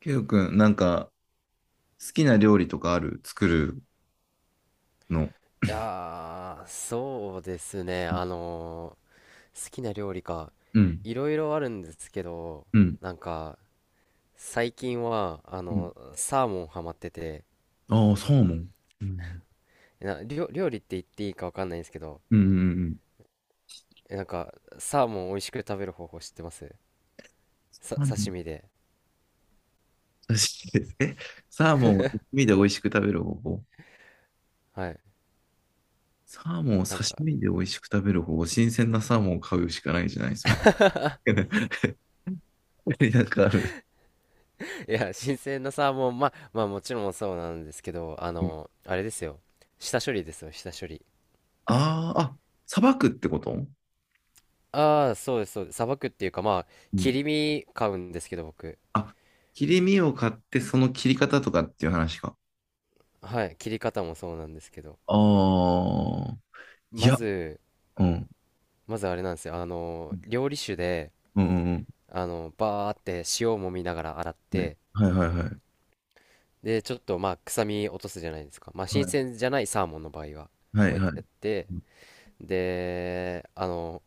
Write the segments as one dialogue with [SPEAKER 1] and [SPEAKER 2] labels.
[SPEAKER 1] ケイオくん、なんか、好きな料理とかある？作るの？
[SPEAKER 2] いやー、そうですね。好きな料理か。
[SPEAKER 1] うん、
[SPEAKER 2] いろいろあるんですけど、
[SPEAKER 1] うん、
[SPEAKER 2] なんか、最近は、
[SPEAKER 1] うん。
[SPEAKER 2] サーモンハマってて、
[SPEAKER 1] ああ、サーモン。うん、
[SPEAKER 2] 料理って言っていいかわかんないんですけど、
[SPEAKER 1] うんうんうん。
[SPEAKER 2] なんか、サーモン美味しく食べる方法知ってます？
[SPEAKER 1] サーモン
[SPEAKER 2] 刺身で。
[SPEAKER 1] 刺身です。え、サーモンを刺身で美味しく食べる方法。
[SPEAKER 2] はい。
[SPEAKER 1] サーモンを
[SPEAKER 2] なん
[SPEAKER 1] 刺
[SPEAKER 2] か、
[SPEAKER 1] 身で美味しく食べる方法。新鮮なサーモンを買うしかないじゃない、それ。なんかある？
[SPEAKER 2] いや、新鮮なサーモン、まあ、もちろんそうなんですけど、
[SPEAKER 1] うん。
[SPEAKER 2] あれですよ。下処理ですよ、下処理。
[SPEAKER 1] あーあ、さばくってこと？
[SPEAKER 2] ああ、そうです、そうです。さばくっていうか、まあ、
[SPEAKER 1] う
[SPEAKER 2] 切
[SPEAKER 1] ん。
[SPEAKER 2] り身買うんですけど、僕。
[SPEAKER 1] あ、切り身を買って、その切り方とかっていう話か。
[SPEAKER 2] はい、切り方もそうなんですけど、
[SPEAKER 1] ああ、い
[SPEAKER 2] ま
[SPEAKER 1] や、
[SPEAKER 2] ず、
[SPEAKER 1] うん。
[SPEAKER 2] まずあれなんですよ、料理酒で、
[SPEAKER 1] うんうん。
[SPEAKER 2] バーって塩を揉みながら洗っ
[SPEAKER 1] はい。
[SPEAKER 2] て、
[SPEAKER 1] はいはいはい。
[SPEAKER 2] で、ちょっとまあ、臭み落とすじゃないですか。まあ、
[SPEAKER 1] は
[SPEAKER 2] 新
[SPEAKER 1] い。
[SPEAKER 2] 鮮じゃないサーモンの場合は、
[SPEAKER 1] は
[SPEAKER 2] こう
[SPEAKER 1] いはい
[SPEAKER 2] やっ
[SPEAKER 1] は
[SPEAKER 2] てや
[SPEAKER 1] い。
[SPEAKER 2] って、
[SPEAKER 1] うん
[SPEAKER 2] で、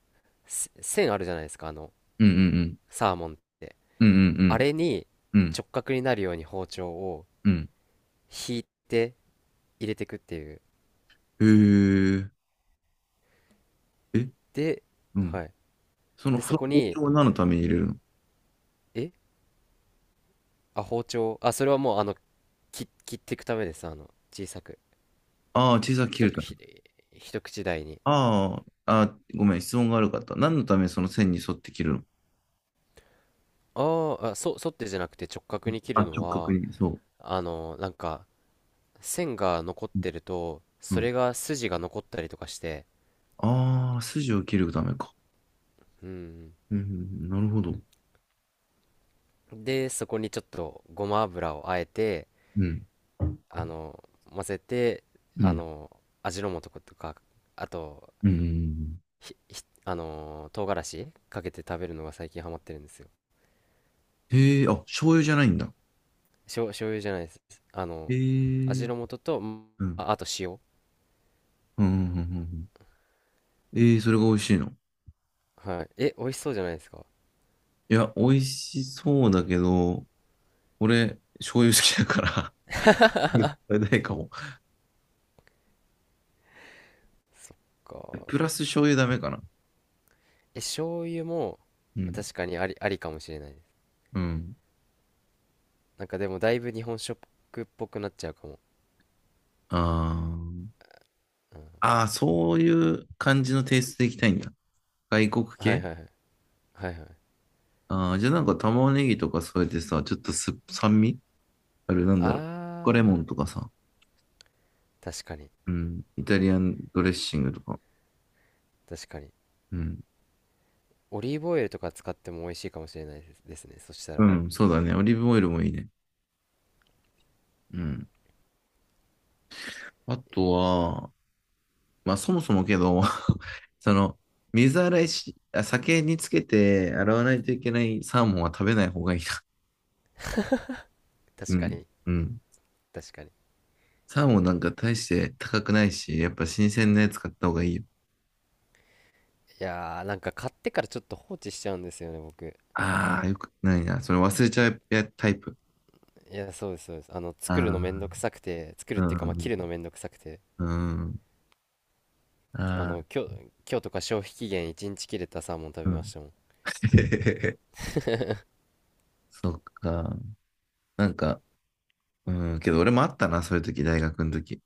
[SPEAKER 2] 線あるじゃないですか、
[SPEAKER 1] うん
[SPEAKER 2] サーモンって。
[SPEAKER 1] うん。うんう
[SPEAKER 2] あ
[SPEAKER 1] ん
[SPEAKER 2] れに
[SPEAKER 1] うん。うん
[SPEAKER 2] 直角になるように包丁を
[SPEAKER 1] うん。
[SPEAKER 2] 引いて入れていくっていう。
[SPEAKER 1] へえ。え、
[SPEAKER 2] で、
[SPEAKER 1] うん。
[SPEAKER 2] はい。
[SPEAKER 1] その、
[SPEAKER 2] で、
[SPEAKER 1] そ
[SPEAKER 2] そ
[SPEAKER 1] の
[SPEAKER 2] こ
[SPEAKER 1] 包
[SPEAKER 2] に、
[SPEAKER 1] 丁は何のために入れるの？
[SPEAKER 2] えあ、包丁。あ、それはもう、切っていくためです。小さく。
[SPEAKER 1] ああー、小さく切
[SPEAKER 2] 一
[SPEAKER 1] る
[SPEAKER 2] 口
[SPEAKER 1] ため。
[SPEAKER 2] ひ、一口大に。
[SPEAKER 1] あーあー、あ、ごめん、質問が悪かった。何のため、その線に沿って切るの？
[SPEAKER 2] あーあ、沿ってじゃなくて直角に切
[SPEAKER 1] あ、
[SPEAKER 2] るの
[SPEAKER 1] 直角
[SPEAKER 2] は、
[SPEAKER 1] に、そ
[SPEAKER 2] なんか、線が残っ
[SPEAKER 1] う。
[SPEAKER 2] てると、
[SPEAKER 1] う
[SPEAKER 2] そ
[SPEAKER 1] ん。
[SPEAKER 2] れが筋が残ったりとかして、
[SPEAKER 1] ああ、筋を切るためか。
[SPEAKER 2] うん。
[SPEAKER 1] うん、なるほど。
[SPEAKER 2] で、そこにちょっとごま油をあえて、
[SPEAKER 1] うん。
[SPEAKER 2] あの、混ぜて、
[SPEAKER 1] う
[SPEAKER 2] あ
[SPEAKER 1] ん。
[SPEAKER 2] の、味の素とか、あと、
[SPEAKER 1] うんうんうん。
[SPEAKER 2] 唐辛子かけて食べるのが最近ハマってるんですよ。
[SPEAKER 1] へえ、あ、醤油じゃないんだ。
[SPEAKER 2] 醤油じゃないです。あ
[SPEAKER 1] へ
[SPEAKER 2] の
[SPEAKER 1] え。う
[SPEAKER 2] 味
[SPEAKER 1] ん。
[SPEAKER 2] の素と、
[SPEAKER 1] うん
[SPEAKER 2] あ、あと塩。
[SPEAKER 1] うんうんうん。ええ、それが美味しいの？
[SPEAKER 2] はい。え、美味しそうじゃないですか？
[SPEAKER 1] いや、美味しそうだけど、俺、醤油好きだから 食べないかも。
[SPEAKER 2] か。
[SPEAKER 1] プラス醤油ダメかな。
[SPEAKER 2] え、醤油も
[SPEAKER 1] うん。
[SPEAKER 2] 確かにありかもしれないです。
[SPEAKER 1] うん。
[SPEAKER 2] なんかでもだいぶ日本食っぽくなっちゃうかも。
[SPEAKER 1] あー
[SPEAKER 2] うん、
[SPEAKER 1] あー、そういう感じのテイストでいきたいんだ。外国
[SPEAKER 2] はい
[SPEAKER 1] 系？
[SPEAKER 2] はいはい。はいはい。
[SPEAKER 1] ああー、じゃあなんか玉ねぎとか添えてさ、ちょっと酸味ある、なんだろう。レ
[SPEAKER 2] あ
[SPEAKER 1] モンとかさ。
[SPEAKER 2] ー、確かに。
[SPEAKER 1] うん。イタリアンドレッシングとか。
[SPEAKER 2] 確かに。
[SPEAKER 1] うん。
[SPEAKER 2] オリーブオイルとか使っても美味しいかもしれないですね。そした
[SPEAKER 1] う
[SPEAKER 2] ら。
[SPEAKER 1] ん、そうだね。オリーブオイルもいいね。うん。あとは、まあそもそもけど、その、水洗いし、あ酒につけて洗わないといけないサーモンは食べない方がいいな。う
[SPEAKER 2] 確か
[SPEAKER 1] ん、
[SPEAKER 2] に。
[SPEAKER 1] うん。
[SPEAKER 2] 確かに。
[SPEAKER 1] サーモンなんか大して高くないし、やっぱ新鮮なやつ買った方がいいよ。
[SPEAKER 2] いやー、なんか買ってからちょっと放置しちゃうんですよね、僕。
[SPEAKER 1] ああ、よくないな。それ忘れちゃうやタイプ。
[SPEAKER 2] いや、そうです、そうです。作る
[SPEAKER 1] あ
[SPEAKER 2] のめんどくさくて、作る
[SPEAKER 1] あ、
[SPEAKER 2] っていうか、
[SPEAKER 1] う
[SPEAKER 2] まあ、切る
[SPEAKER 1] ん、
[SPEAKER 2] のめんどくさくて。
[SPEAKER 1] うん、
[SPEAKER 2] あ
[SPEAKER 1] ああ、
[SPEAKER 2] の今日今日とか消費期限1日切れたサーモン食
[SPEAKER 1] う
[SPEAKER 2] べま
[SPEAKER 1] ん。
[SPEAKER 2] したもん。
[SPEAKER 1] そっか。なんか、うん、けど俺もあったな、そういう時、大学の時。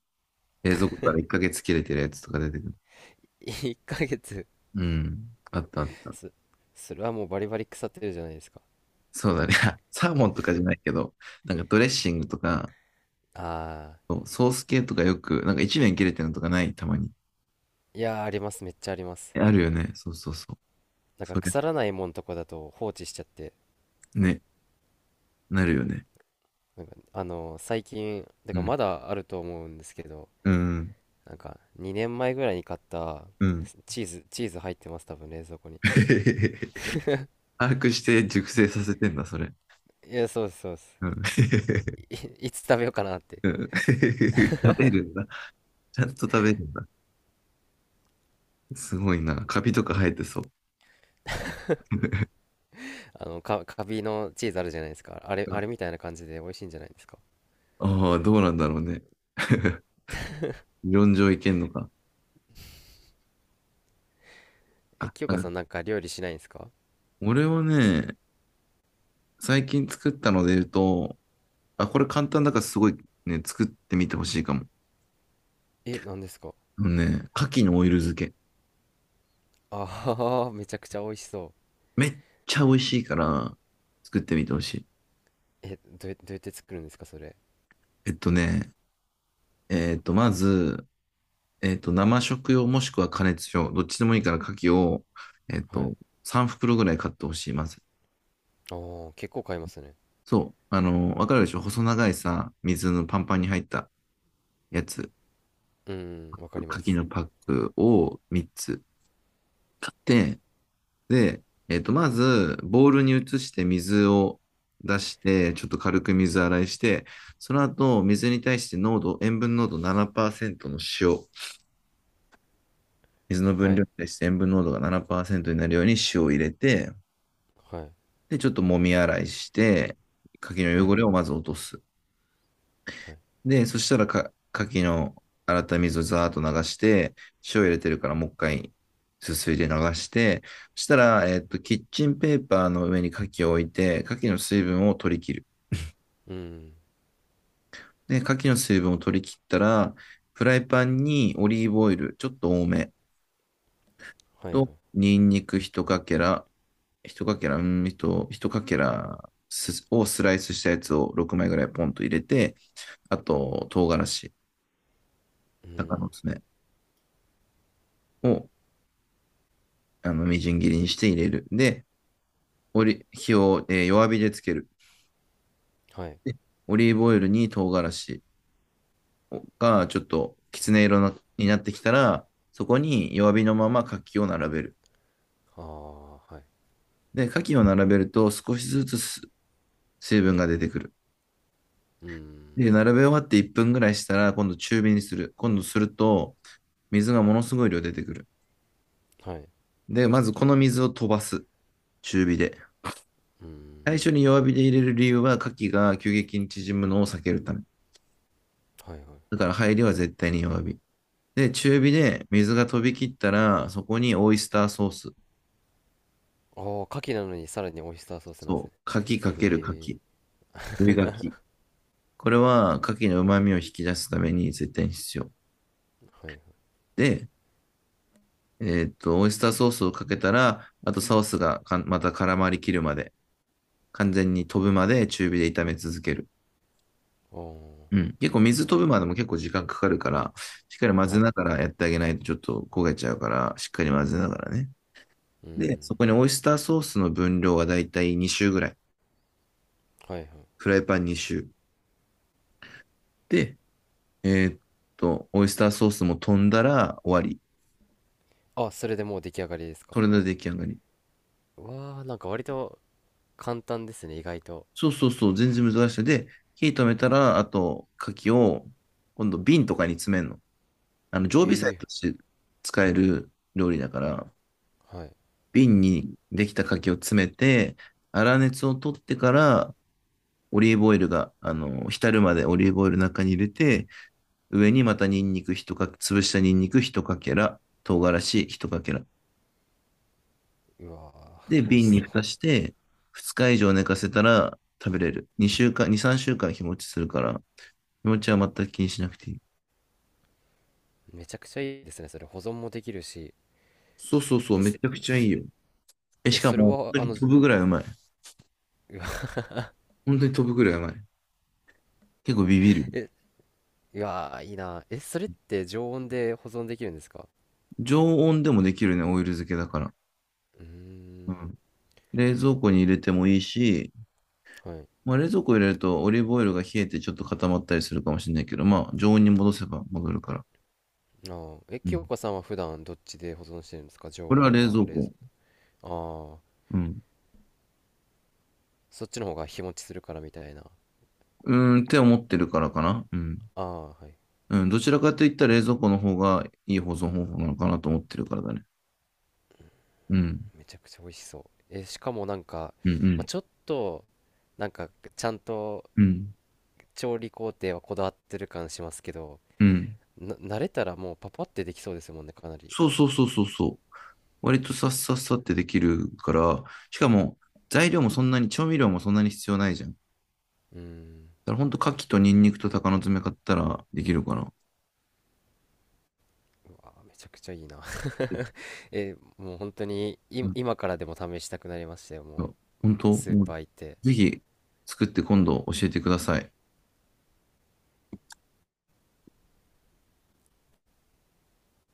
[SPEAKER 1] 冷蔵庫から1ヶ月切れてるやつとか出てくる。
[SPEAKER 2] 1ヶ月？
[SPEAKER 1] うん、あったあっ た。
[SPEAKER 2] すそれはもうバリバリ腐ってるじゃないですか。
[SPEAKER 1] そうだね。サーモンとかじゃないけど、なんかドレッシングとか、
[SPEAKER 2] ああ、
[SPEAKER 1] そうソース系とかよく、なんか一年切れてるのとかない？たまに。
[SPEAKER 2] いやー、あります。めっちゃあります。
[SPEAKER 1] え、あるよね。そうそうそう。
[SPEAKER 2] なんか
[SPEAKER 1] それ、
[SPEAKER 2] 腐らないもんとこだと放置しちゃって、
[SPEAKER 1] ね、なるよね。
[SPEAKER 2] なんか最近だ
[SPEAKER 1] う
[SPEAKER 2] から
[SPEAKER 1] ん。
[SPEAKER 2] まだあると思うんですけど、
[SPEAKER 1] うん。
[SPEAKER 2] なんか2年前ぐらいに買った
[SPEAKER 1] うん。
[SPEAKER 2] チーズ入ってます、多分冷蔵庫に。
[SPEAKER 1] 把握して熟成させてんだ、それ。
[SPEAKER 2] いや、そうです、そうで
[SPEAKER 1] うん。
[SPEAKER 2] す。い、いつ食べようかなって。
[SPEAKER 1] うん 食べるんだ。ちゃんと食べるんだ。すごいな。カビとか生えてそ
[SPEAKER 2] カビのチーズあるじゃないですか、あれ
[SPEAKER 1] う。
[SPEAKER 2] あれみたいな感じで美味しいんじゃないですか？
[SPEAKER 1] ああー、どうなんだろうね。理論上いけんのか。
[SPEAKER 2] え、
[SPEAKER 1] あ、
[SPEAKER 2] 清
[SPEAKER 1] な
[SPEAKER 2] 香さ
[SPEAKER 1] ん
[SPEAKER 2] ん
[SPEAKER 1] か、
[SPEAKER 2] なんか料理しないんですか？
[SPEAKER 1] 俺はね、最近作ったので言うと、あ、これ簡単だからすごいね、作ってみてほしいかも。
[SPEAKER 2] え、なんですか？
[SPEAKER 1] あのね、牡蠣のオイル漬け。
[SPEAKER 2] ああー、めちゃくちゃ美味しそ
[SPEAKER 1] めっちゃ美味しいから、作ってみてほしい。
[SPEAKER 2] う。え、どうやって作るんですか、それ。
[SPEAKER 1] えっとね、えっと、まず、生食用もしくは加熱用、どっちでもいいから牡蠣を、えっ
[SPEAKER 2] は
[SPEAKER 1] と、
[SPEAKER 2] い。
[SPEAKER 1] 3袋ぐらい買ってほしい、まず。
[SPEAKER 2] ああ、結構買いますね。
[SPEAKER 1] そう、わかるでしょ細長いさ、水のパンパンに入ったやつ、
[SPEAKER 2] うん、わかり
[SPEAKER 1] 牡
[SPEAKER 2] ま
[SPEAKER 1] 蠣
[SPEAKER 2] す。
[SPEAKER 1] のパックを3つ。で、で、まず、ボウルに移して水を出して、ちょっと軽く水洗いして、その後、水に対して濃度、塩分濃度7%の塩、水の
[SPEAKER 2] は
[SPEAKER 1] 分量
[SPEAKER 2] い、
[SPEAKER 1] に対して塩分濃度が7%になるように塩を入れて、
[SPEAKER 2] はい、
[SPEAKER 1] で、ちょっと揉み洗いして、柿
[SPEAKER 2] は
[SPEAKER 1] の汚
[SPEAKER 2] い、
[SPEAKER 1] れをまず落とす。
[SPEAKER 2] はい。
[SPEAKER 1] で、そしたらか、牡蠣の洗った水をザーッと流して、塩入れてるからもう一回すすいで流して、そしたら、キッチンペーパーの上に牡蠣を置いて、牡蠣の水分を取り切る。
[SPEAKER 2] うん、
[SPEAKER 1] で、牡蠣の水分を取り切ったら、フライパンにオリーブオイル、ちょっと多め
[SPEAKER 2] はい、はい。
[SPEAKER 1] と、ニンニク一かけら、一かけら、うん、一かけらをスライスしたやつを6枚ぐらいポンと入れて、あと、唐辛子、
[SPEAKER 2] う
[SPEAKER 1] 鷹の
[SPEAKER 2] ん、
[SPEAKER 1] 爪を、みじん切りにして入れる。で、火を、弱火でつける。
[SPEAKER 2] はい。
[SPEAKER 1] で、オリーブオイルに唐辛子がちょっときつね色なになってきたら、そこに弱火のまま牡蠣を並べる。
[SPEAKER 2] ああ、はい。
[SPEAKER 1] で、牡蠣を並べると少しずつ水分が出てくる。
[SPEAKER 2] うん、
[SPEAKER 1] で、並べ終わって1分ぐらいしたら、今度中火にする。今度すると、水がものすごい量出てくる。
[SPEAKER 2] はい。
[SPEAKER 1] で、まずこの水を飛ばす。中火で。
[SPEAKER 2] う
[SPEAKER 1] 最
[SPEAKER 2] ん、
[SPEAKER 1] 初に弱火で入れる理由は、牡蠣が急激に縮むのを避けるため。
[SPEAKER 2] はい、はい。
[SPEAKER 1] だから入りは絶対に弱火。で、中火で水が飛び切ったら、そこにオイスターソース。
[SPEAKER 2] ああ、牡蠣なのにさらにオイスターソースなんです
[SPEAKER 1] そ
[SPEAKER 2] ね。
[SPEAKER 1] う。牡蠣かける牡
[SPEAKER 2] え
[SPEAKER 1] 蠣。追い牡これは牡蠣の旨味を引き出すために絶対に必要。
[SPEAKER 2] え、はい、はい。
[SPEAKER 1] で、オイスターソースをかけたら、あとソースがまた絡まりきるまで、完全に飛ぶまで中火で炒め続ける。
[SPEAKER 2] あ
[SPEAKER 1] うん。結構水飛ぶまでも結構時間かかるから、しっかり混
[SPEAKER 2] あ、
[SPEAKER 1] ぜ
[SPEAKER 2] はい。
[SPEAKER 1] ながらやってあげないとちょっと焦げちゃうから、しっかり混ぜながらね。
[SPEAKER 2] う
[SPEAKER 1] で、そ
[SPEAKER 2] ん、
[SPEAKER 1] こにオイスターソースの分量はだいたい2周ぐらい。
[SPEAKER 2] はい、はい。
[SPEAKER 1] フライパン2周。で、えーっオイスターソースも飛んだら終わり。
[SPEAKER 2] あ、それでもう出来上がりですか？
[SPEAKER 1] それで出来上がり。
[SPEAKER 2] わあ、なんか割と簡単ですね、意外と。
[SPEAKER 1] そうそうそう、全然難しい。で、火止めたら、あと、牡蠣を、今度瓶とかに詰めるの。常備菜
[SPEAKER 2] ええ、
[SPEAKER 1] として使える料理だから、
[SPEAKER 2] はい。
[SPEAKER 1] 瓶にできた牡蠣を詰めて、粗熱を取ってから、オリーブオイルが、浸るまでオリーブオイルの中に入れて、上にまたニンニク一かけ、潰したニンニク一かけら、唐辛子一かけら。
[SPEAKER 2] うわ
[SPEAKER 1] で、
[SPEAKER 2] ー、美味し
[SPEAKER 1] 瓶に
[SPEAKER 2] そ
[SPEAKER 1] 蓋
[SPEAKER 2] う。
[SPEAKER 1] して、2日以上寝かせたら食べれる。2週間、2、3週間日持ちするから、日持ちは全く気にしなくていい。
[SPEAKER 2] めちゃくちゃいいですね、それ。保存もできるし。
[SPEAKER 1] そうそうそう、
[SPEAKER 2] え、
[SPEAKER 1] めちゃくちゃいいよ。え、
[SPEAKER 2] え、
[SPEAKER 1] しか
[SPEAKER 2] それ
[SPEAKER 1] も、本
[SPEAKER 2] は、
[SPEAKER 1] 当に飛ぶぐらいうまい。
[SPEAKER 2] うわ、
[SPEAKER 1] 本当に飛ぶぐらいうまい。結構ビビる。
[SPEAKER 2] え、うわー、いいな。え、それって常温で保存できるんですか？
[SPEAKER 1] 常温でもできるね、オイル漬けだから。
[SPEAKER 2] うー
[SPEAKER 1] う
[SPEAKER 2] ん、
[SPEAKER 1] ん。冷蔵庫に入れてもいいし、
[SPEAKER 2] はい。
[SPEAKER 1] まあ、冷蔵庫入れるとオリーブオイルが冷えてちょっと固まったりするかもしれないけど、まあ、常温に戻せば戻るから。
[SPEAKER 2] あー、え、
[SPEAKER 1] う
[SPEAKER 2] 清
[SPEAKER 1] ん。
[SPEAKER 2] 香さんは普段どっちで保存してるんですか？常
[SPEAKER 1] これは
[SPEAKER 2] 温
[SPEAKER 1] 冷
[SPEAKER 2] か、
[SPEAKER 1] 蔵
[SPEAKER 2] 冷蔵、
[SPEAKER 1] 庫。
[SPEAKER 2] ああ、
[SPEAKER 1] うん。
[SPEAKER 2] そっちの方が日持ちするからみたいな。
[SPEAKER 1] うーんって思ってるからかな。うん。
[SPEAKER 2] ああ、はい。
[SPEAKER 1] うん、どちらかといったら冷蔵庫の方がいい保存方法なのかなと思ってるからだね。うん。
[SPEAKER 2] めちゃくちゃ美味しそう。え、しかもなんか、
[SPEAKER 1] うん、う
[SPEAKER 2] まあ、
[SPEAKER 1] ん、
[SPEAKER 2] ちょっと、なんか、ちゃんと、
[SPEAKER 1] うん、
[SPEAKER 2] 調理工程はこだわってる感しますけど、
[SPEAKER 1] うん。
[SPEAKER 2] 慣れたらもうパパってできそうですもんね、かなり。
[SPEAKER 1] そうそうそうそうそう。割とさっさっさってできるから、しかも材料もそんなに、調味料もそんなに必要ないじゃん。だ
[SPEAKER 2] うん。
[SPEAKER 1] からほんと牡蠣とニンニクと鷹の爪買ったらできるかな。
[SPEAKER 2] あー、めちゃくちゃいいな。え、もう本当に今からでも試したくなりましたよ、
[SPEAKER 1] う
[SPEAKER 2] もう。
[SPEAKER 1] ん、本当、
[SPEAKER 2] スー
[SPEAKER 1] も
[SPEAKER 2] パ
[SPEAKER 1] う
[SPEAKER 2] ー行って。
[SPEAKER 1] ぜひ作って今度教えてください。